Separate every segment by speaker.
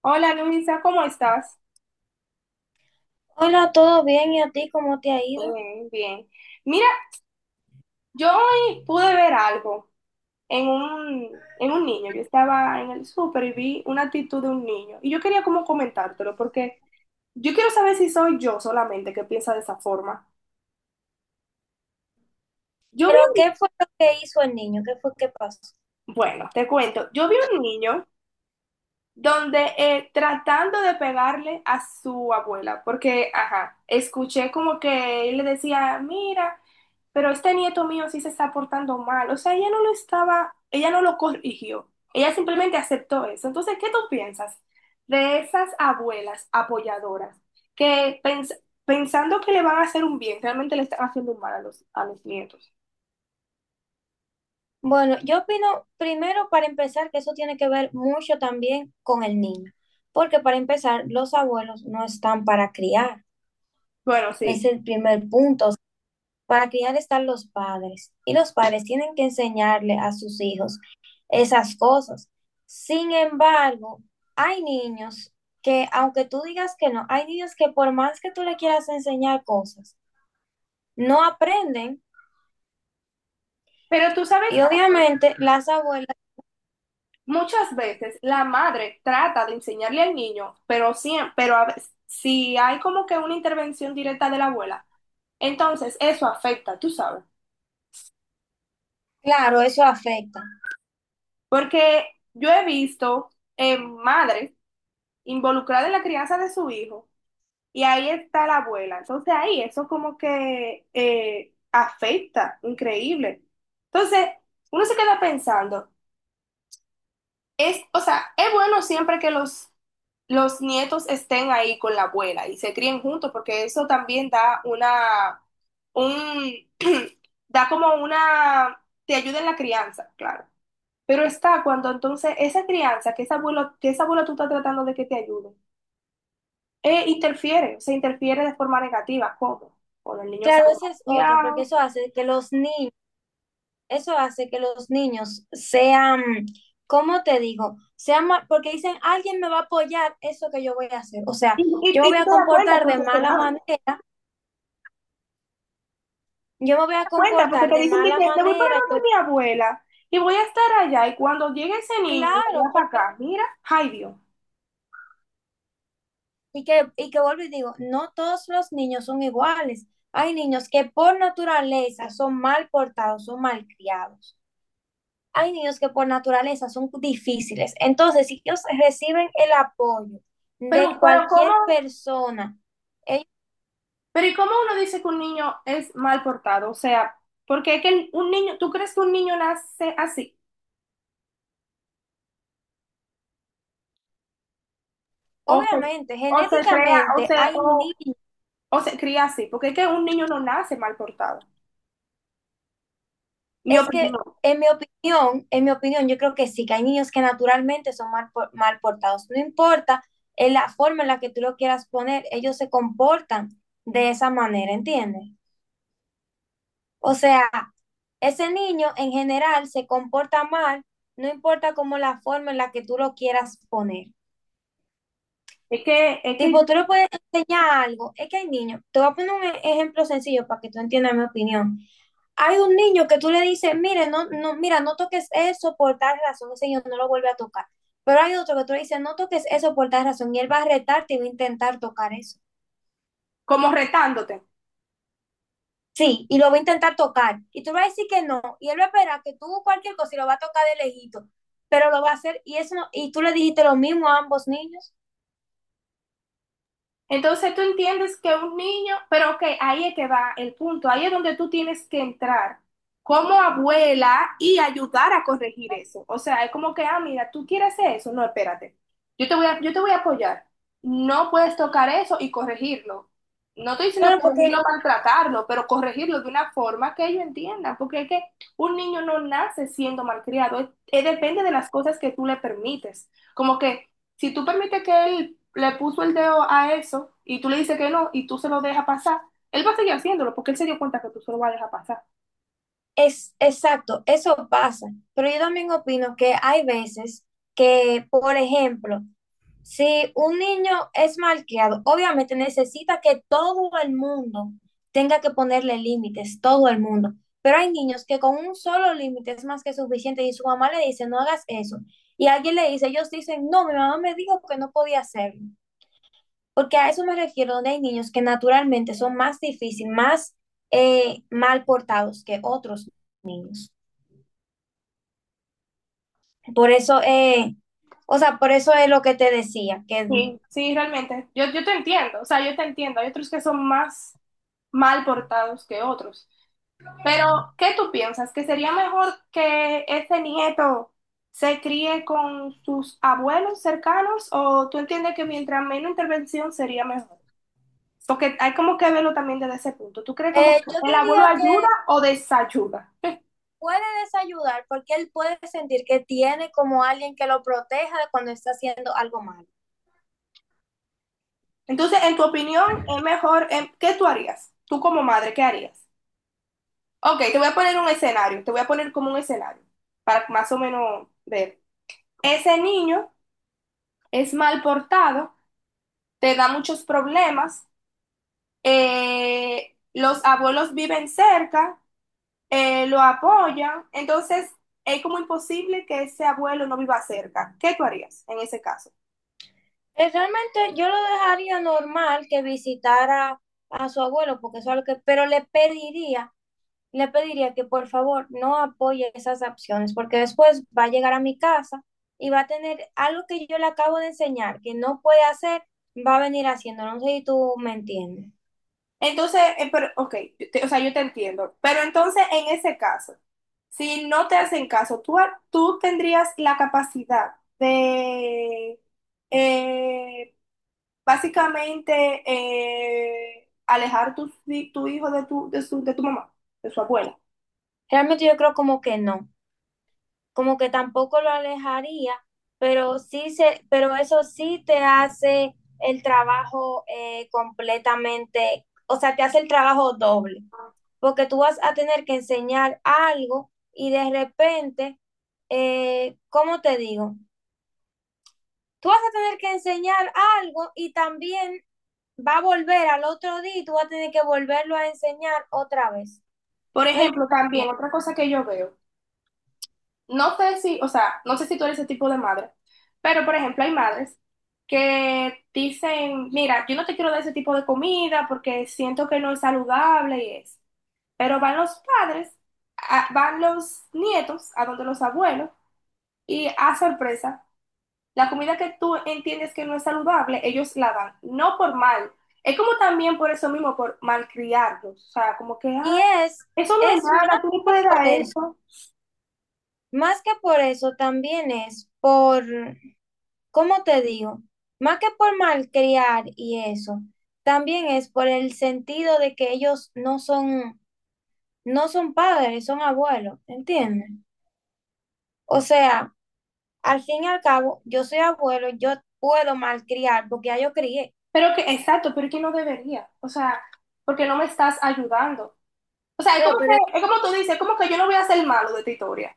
Speaker 1: Hola Luisa, ¿cómo estás?
Speaker 2: Hola, ¿todo bien? ¿Y a ti cómo te ha ido?
Speaker 1: Bien, bien. Mira, yo hoy pude ver algo en un niño. Yo estaba en el súper y vi una actitud de un niño. Y yo quería como comentártelo porque yo quiero saber si soy yo solamente que piensa de esa forma. Yo
Speaker 2: Pero,
Speaker 1: vi un,
Speaker 2: ¿qué fue lo que hizo el niño? ¿Qué fue que pasó?
Speaker 1: bueno, te cuento, yo vi un niño donde tratando de pegarle a su abuela, porque, ajá, escuché como que él le decía, mira, pero este nieto mío sí se está portando mal, o sea, ella no lo estaba, ella no lo corrigió, ella simplemente aceptó eso. Entonces, ¿qué tú piensas de esas abuelas apoyadoras que pens- pensando que le van a hacer un bien, realmente le están haciendo un mal a los nietos?
Speaker 2: Bueno, yo opino, primero para empezar, que eso tiene que ver mucho también con el niño, porque para empezar los abuelos no están para criar,
Speaker 1: Bueno,
Speaker 2: es
Speaker 1: sí,
Speaker 2: el primer punto. O sea, para criar están los padres y los padres tienen que enseñarle a sus hijos esas cosas. Sin embargo, hay niños que, aunque tú digas que no, hay niños que por más que tú le quieras enseñar cosas, no aprenden
Speaker 1: pero tú sabes
Speaker 2: y
Speaker 1: algo.
Speaker 2: obviamente las abuelas,
Speaker 1: Muchas veces la madre trata de enseñarle al niño, pero, sí, pero a veces, si hay como que una intervención directa de la abuela, entonces eso afecta, tú sabes.
Speaker 2: claro, eso afecta.
Speaker 1: Porque yo he visto madres involucradas en la crianza de su hijo y ahí está la abuela. Entonces ahí eso como que afecta, increíble. Entonces uno se queda pensando, es, o sea, es bueno siempre que los nietos estén ahí con la abuela y se críen juntos, porque eso también da una, un, da como una, te ayuda en la crianza, claro. Pero está cuando entonces esa crianza, que esa abuela, tú estás tratando de que te ayude, interfiere, se interfiere de forma negativa, ¿cómo? Cuando el niño
Speaker 2: Claro,
Speaker 1: sale
Speaker 2: esa
Speaker 1: mal
Speaker 2: es otra,
Speaker 1: criado.
Speaker 2: porque eso hace que los niños, eso hace que los niños sean, ¿cómo te digo? Porque dicen, alguien me va a apoyar eso que yo voy a hacer. O
Speaker 1: Y,
Speaker 2: sea,
Speaker 1: y,
Speaker 2: yo me
Speaker 1: y
Speaker 2: voy
Speaker 1: tú
Speaker 2: a
Speaker 1: te das cuenta
Speaker 2: comportar de
Speaker 1: porque se
Speaker 2: mala
Speaker 1: da
Speaker 2: manera, yo me voy a
Speaker 1: cuenta, porque
Speaker 2: comportar
Speaker 1: te
Speaker 2: de
Speaker 1: dicen de
Speaker 2: mala
Speaker 1: que te voy para
Speaker 2: manera,
Speaker 1: donde
Speaker 2: yo,
Speaker 1: mi abuela y voy a estar allá. Y cuando llegue ese niño, y lo
Speaker 2: claro,
Speaker 1: lleva para
Speaker 2: porque,
Speaker 1: acá, mira, ay Dios.
Speaker 2: y que vuelvo y digo, no todos los niños son iguales. Hay niños que por naturaleza son mal portados, son malcriados. Hay niños que por naturaleza son difíciles. Entonces, si ellos reciben el apoyo
Speaker 1: Pero,
Speaker 2: de
Speaker 1: pero ¿cómo?
Speaker 2: cualquier persona, ellos-
Speaker 1: Pero ¿y cómo uno dice que un niño es mal portado? O sea, porque es que un niño, ¿tú crees que un niño nace así? O se,
Speaker 2: obviamente,
Speaker 1: o se crea,
Speaker 2: genéticamente hay niños.
Speaker 1: o se cría así, porque es que un niño no nace mal portado. Mi
Speaker 2: Es que,
Speaker 1: opinión.
Speaker 2: en mi opinión, yo creo que sí, que hay niños que naturalmente son mal portados. No importa la forma en la que tú lo quieras poner, ellos se comportan de esa manera, ¿entiendes? O sea, ese niño en general se comporta mal, no importa cómo la forma en la que tú lo quieras poner.
Speaker 1: Es que yo...
Speaker 2: Tipo, tú le puedes enseñar algo. Es que hay niños. Te voy a poner un ejemplo sencillo para que tú entiendas mi opinión. Hay un niño que tú le dices, mire, no, no, mira, no toques eso por tal razón. Ese niño no lo vuelve a tocar. Pero hay otro que tú le dices, no toques eso por tal razón. Y él va a retarte y va a intentar tocar eso.
Speaker 1: como retándote.
Speaker 2: Sí, y lo va a intentar tocar. Y tú le vas a decir que no. Y él va a esperar que tú cualquier cosa y lo va a tocar de lejito. Pero lo va a hacer. Y eso y tú le dijiste lo mismo a ambos niños.
Speaker 1: Entonces tú entiendes que un niño, pero ok, ahí es que va el punto, ahí es donde tú tienes que entrar como abuela y ayudar a corregir eso. O sea, es como que, ah, mira, tú quieres hacer eso, no, espérate, yo te voy a apoyar. No puedes tocar eso y corregirlo. No estoy diciendo
Speaker 2: Claro, porque.
Speaker 1: corregirlo, maltratarlo, pero corregirlo de una forma que ellos entiendan, porque es que un niño no nace siendo malcriado, depende de las cosas que tú le permites. Como que si tú permites que él le puso el dedo a eso y tú le dices que no y tú se lo dejas pasar, él va a seguir haciéndolo porque él se dio cuenta que tú se lo vas a dejar pasar.
Speaker 2: Es exacto, eso pasa, pero yo también opino que hay veces que, por ejemplo, si un niño es malcriado, obviamente necesita que todo el mundo tenga que ponerle límites, todo el mundo, pero hay niños que con un solo límite es más que suficiente y su mamá le dice, no hagas eso, y alguien le dice, ellos dicen, no, mi mamá me dijo que no podía hacerlo, porque a eso me refiero, donde hay niños que naturalmente son más difíciles, más mal portados que otros niños. Por eso, o sea, por eso es lo que te decía, que.
Speaker 1: Sí, sí, realmente. Yo te entiendo, o sea, yo te entiendo. Hay otros que son más mal portados que otros. Pero, ¿qué tú piensas? ¿Que sería mejor que este nieto se críe con sus abuelos cercanos o tú entiendes que mientras menos intervención sería mejor? Porque hay como que verlo también desde ese punto. ¿Tú crees como que
Speaker 2: Yo
Speaker 1: el abuelo
Speaker 2: diría que
Speaker 1: ayuda o desayuda?
Speaker 2: puede desayudar porque él puede sentir que tiene como alguien que lo proteja cuando está haciendo algo malo.
Speaker 1: Entonces, en tu opinión, es mejor, ¿qué tú harías? Tú como madre, ¿qué harías? Ok, te voy a poner un escenario, te voy a poner como un escenario para más o menos ver. Ese niño es mal portado, te da muchos problemas, los abuelos viven cerca, lo apoyan, entonces es como imposible que ese abuelo no viva cerca. ¿Qué tú harías en ese caso?
Speaker 2: Realmente yo lo dejaría normal que visitara a su abuelo, porque eso es lo que, pero le pediría que por favor no apoye esas acciones, porque después va a llegar a mi casa y va a tener algo que yo le acabo de enseñar, que no puede hacer, va a venir haciendo, no sé si tú me entiendes.
Speaker 1: Entonces, pero, ok, yo te... o sea, yo te entiendo. Pero entonces, en ese caso, si no te hacen caso, tú, tú tendrías la capacidad de, eh, básicamente, alejar tu hijo de de tu mamá, de su abuela.
Speaker 2: Realmente yo creo como que no, como que tampoco lo alejaría, pero eso sí te hace el trabajo completamente, o sea, te hace el trabajo doble, porque tú vas a tener que enseñar algo y de repente, ¿cómo te digo? Tú vas a tener que enseñar algo y también va a volver al otro día y tú vas a tener que volverlo a enseñar otra vez.
Speaker 1: Por
Speaker 2: ¿No
Speaker 1: ejemplo, también
Speaker 2: entiendes?
Speaker 1: otra cosa que yo veo. No sé si, o sea, no sé si tú eres ese tipo de madre, pero por ejemplo hay madres que dicen, mira, yo no te quiero dar ese tipo de comida porque siento que no es saludable y es. Pero van los padres, van los nietos a donde los abuelos y a sorpresa, la comida que tú entiendes que no es saludable, ellos la dan, no por mal. Es como también por eso mismo, por malcriarlos, o sea, como que,
Speaker 2: Y
Speaker 1: ah, eso no es
Speaker 2: es más
Speaker 1: nada, tú no puedes
Speaker 2: por
Speaker 1: dar
Speaker 2: eso.
Speaker 1: eso.
Speaker 2: Más que por eso, también es por, ¿cómo te digo? Más que por malcriar y eso, también es por el sentido de que ellos no son, no son padres, son abuelos, ¿entiendes? O sea, al fin y al cabo, yo soy abuelo, yo puedo malcriar porque ya yo crié.
Speaker 1: Pero que, exacto, pero que no debería. O sea, porque no me estás ayudando. O sea, es
Speaker 2: Claro,
Speaker 1: como
Speaker 2: pero,
Speaker 1: que, es como tú dices, es como que yo no voy a hacer malo de tu historia.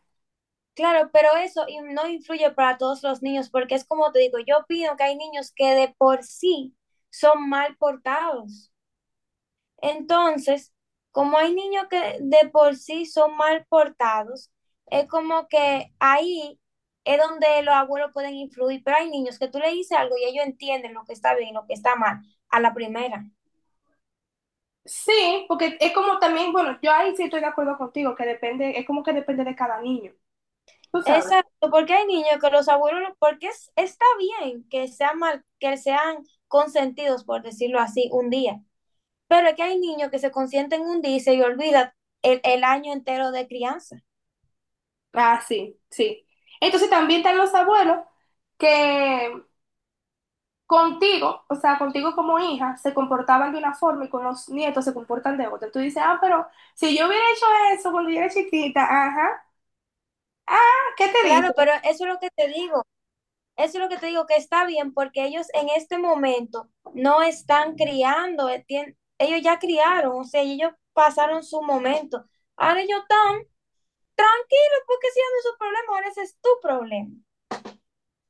Speaker 2: claro, pero eso y no influye para todos los niños porque es como te digo, yo opino que hay niños que de por sí son mal portados. Entonces, como hay niños que de por sí son mal portados, es como que ahí es donde los abuelos pueden influir, pero hay niños que tú le dices algo y ellos entienden lo que está bien y lo que está mal a la primera.
Speaker 1: Sí, porque es como también, bueno, yo ahí sí estoy de acuerdo contigo, que depende, es como que depende de cada niño. Tú sabes.
Speaker 2: Exacto, porque hay niños que los abuelos, porque está bien que sean mal, que sean consentidos, por decirlo así, un día, pero es que hay niños que se consienten un día y se olvidan el año entero de crianza.
Speaker 1: Ah, sí, sí. Entonces también están los abuelos que contigo, o sea, contigo como hija, se comportaban de una forma y con los nietos se comportan de otra. Tú dices, ah, pero si yo hubiera hecho eso cuando yo era chiquita, ajá, ah, ¿qué te dice?
Speaker 2: Claro, pero eso es lo que te digo. Eso es lo que te digo, que está bien, porque ellos en este momento no están criando, ellos ya criaron, o sea, ellos pasaron su momento. Ahora ellos están tranquilos porque si no es su problema, ahora ese es tu problema.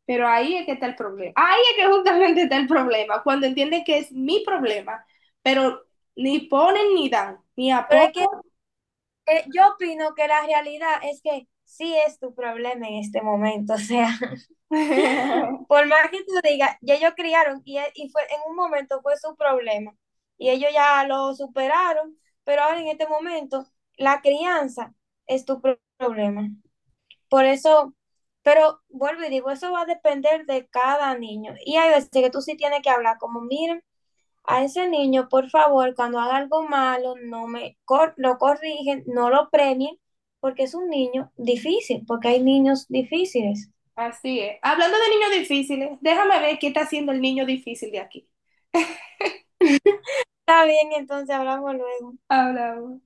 Speaker 1: Pero ahí es que está el problema. Ahí es que justamente está el problema, cuando entienden que es mi problema, pero ni ponen ni dan, ni
Speaker 2: Pero es que
Speaker 1: apoyan.
Speaker 2: yo opino que la realidad es que sí es tu problema en este momento, o sea. Por más que tú digas, ya ellos criaron y, y fue, en un momento fue su problema y ellos ya lo superaron, pero ahora en este momento la crianza es tu problema. Por eso, pero vuelvo y digo, eso va a depender de cada niño. Y hay veces que tú sí tienes que hablar como, miren, a ese niño, por favor, cuando haga algo malo, no me lo corrigen, no lo premien, porque es un niño difícil, porque hay niños difíciles.
Speaker 1: Así es. Hablando de niños difíciles, déjame ver qué está haciendo el niño difícil de aquí.
Speaker 2: Está bien, entonces hablamos luego.
Speaker 1: Hablamos.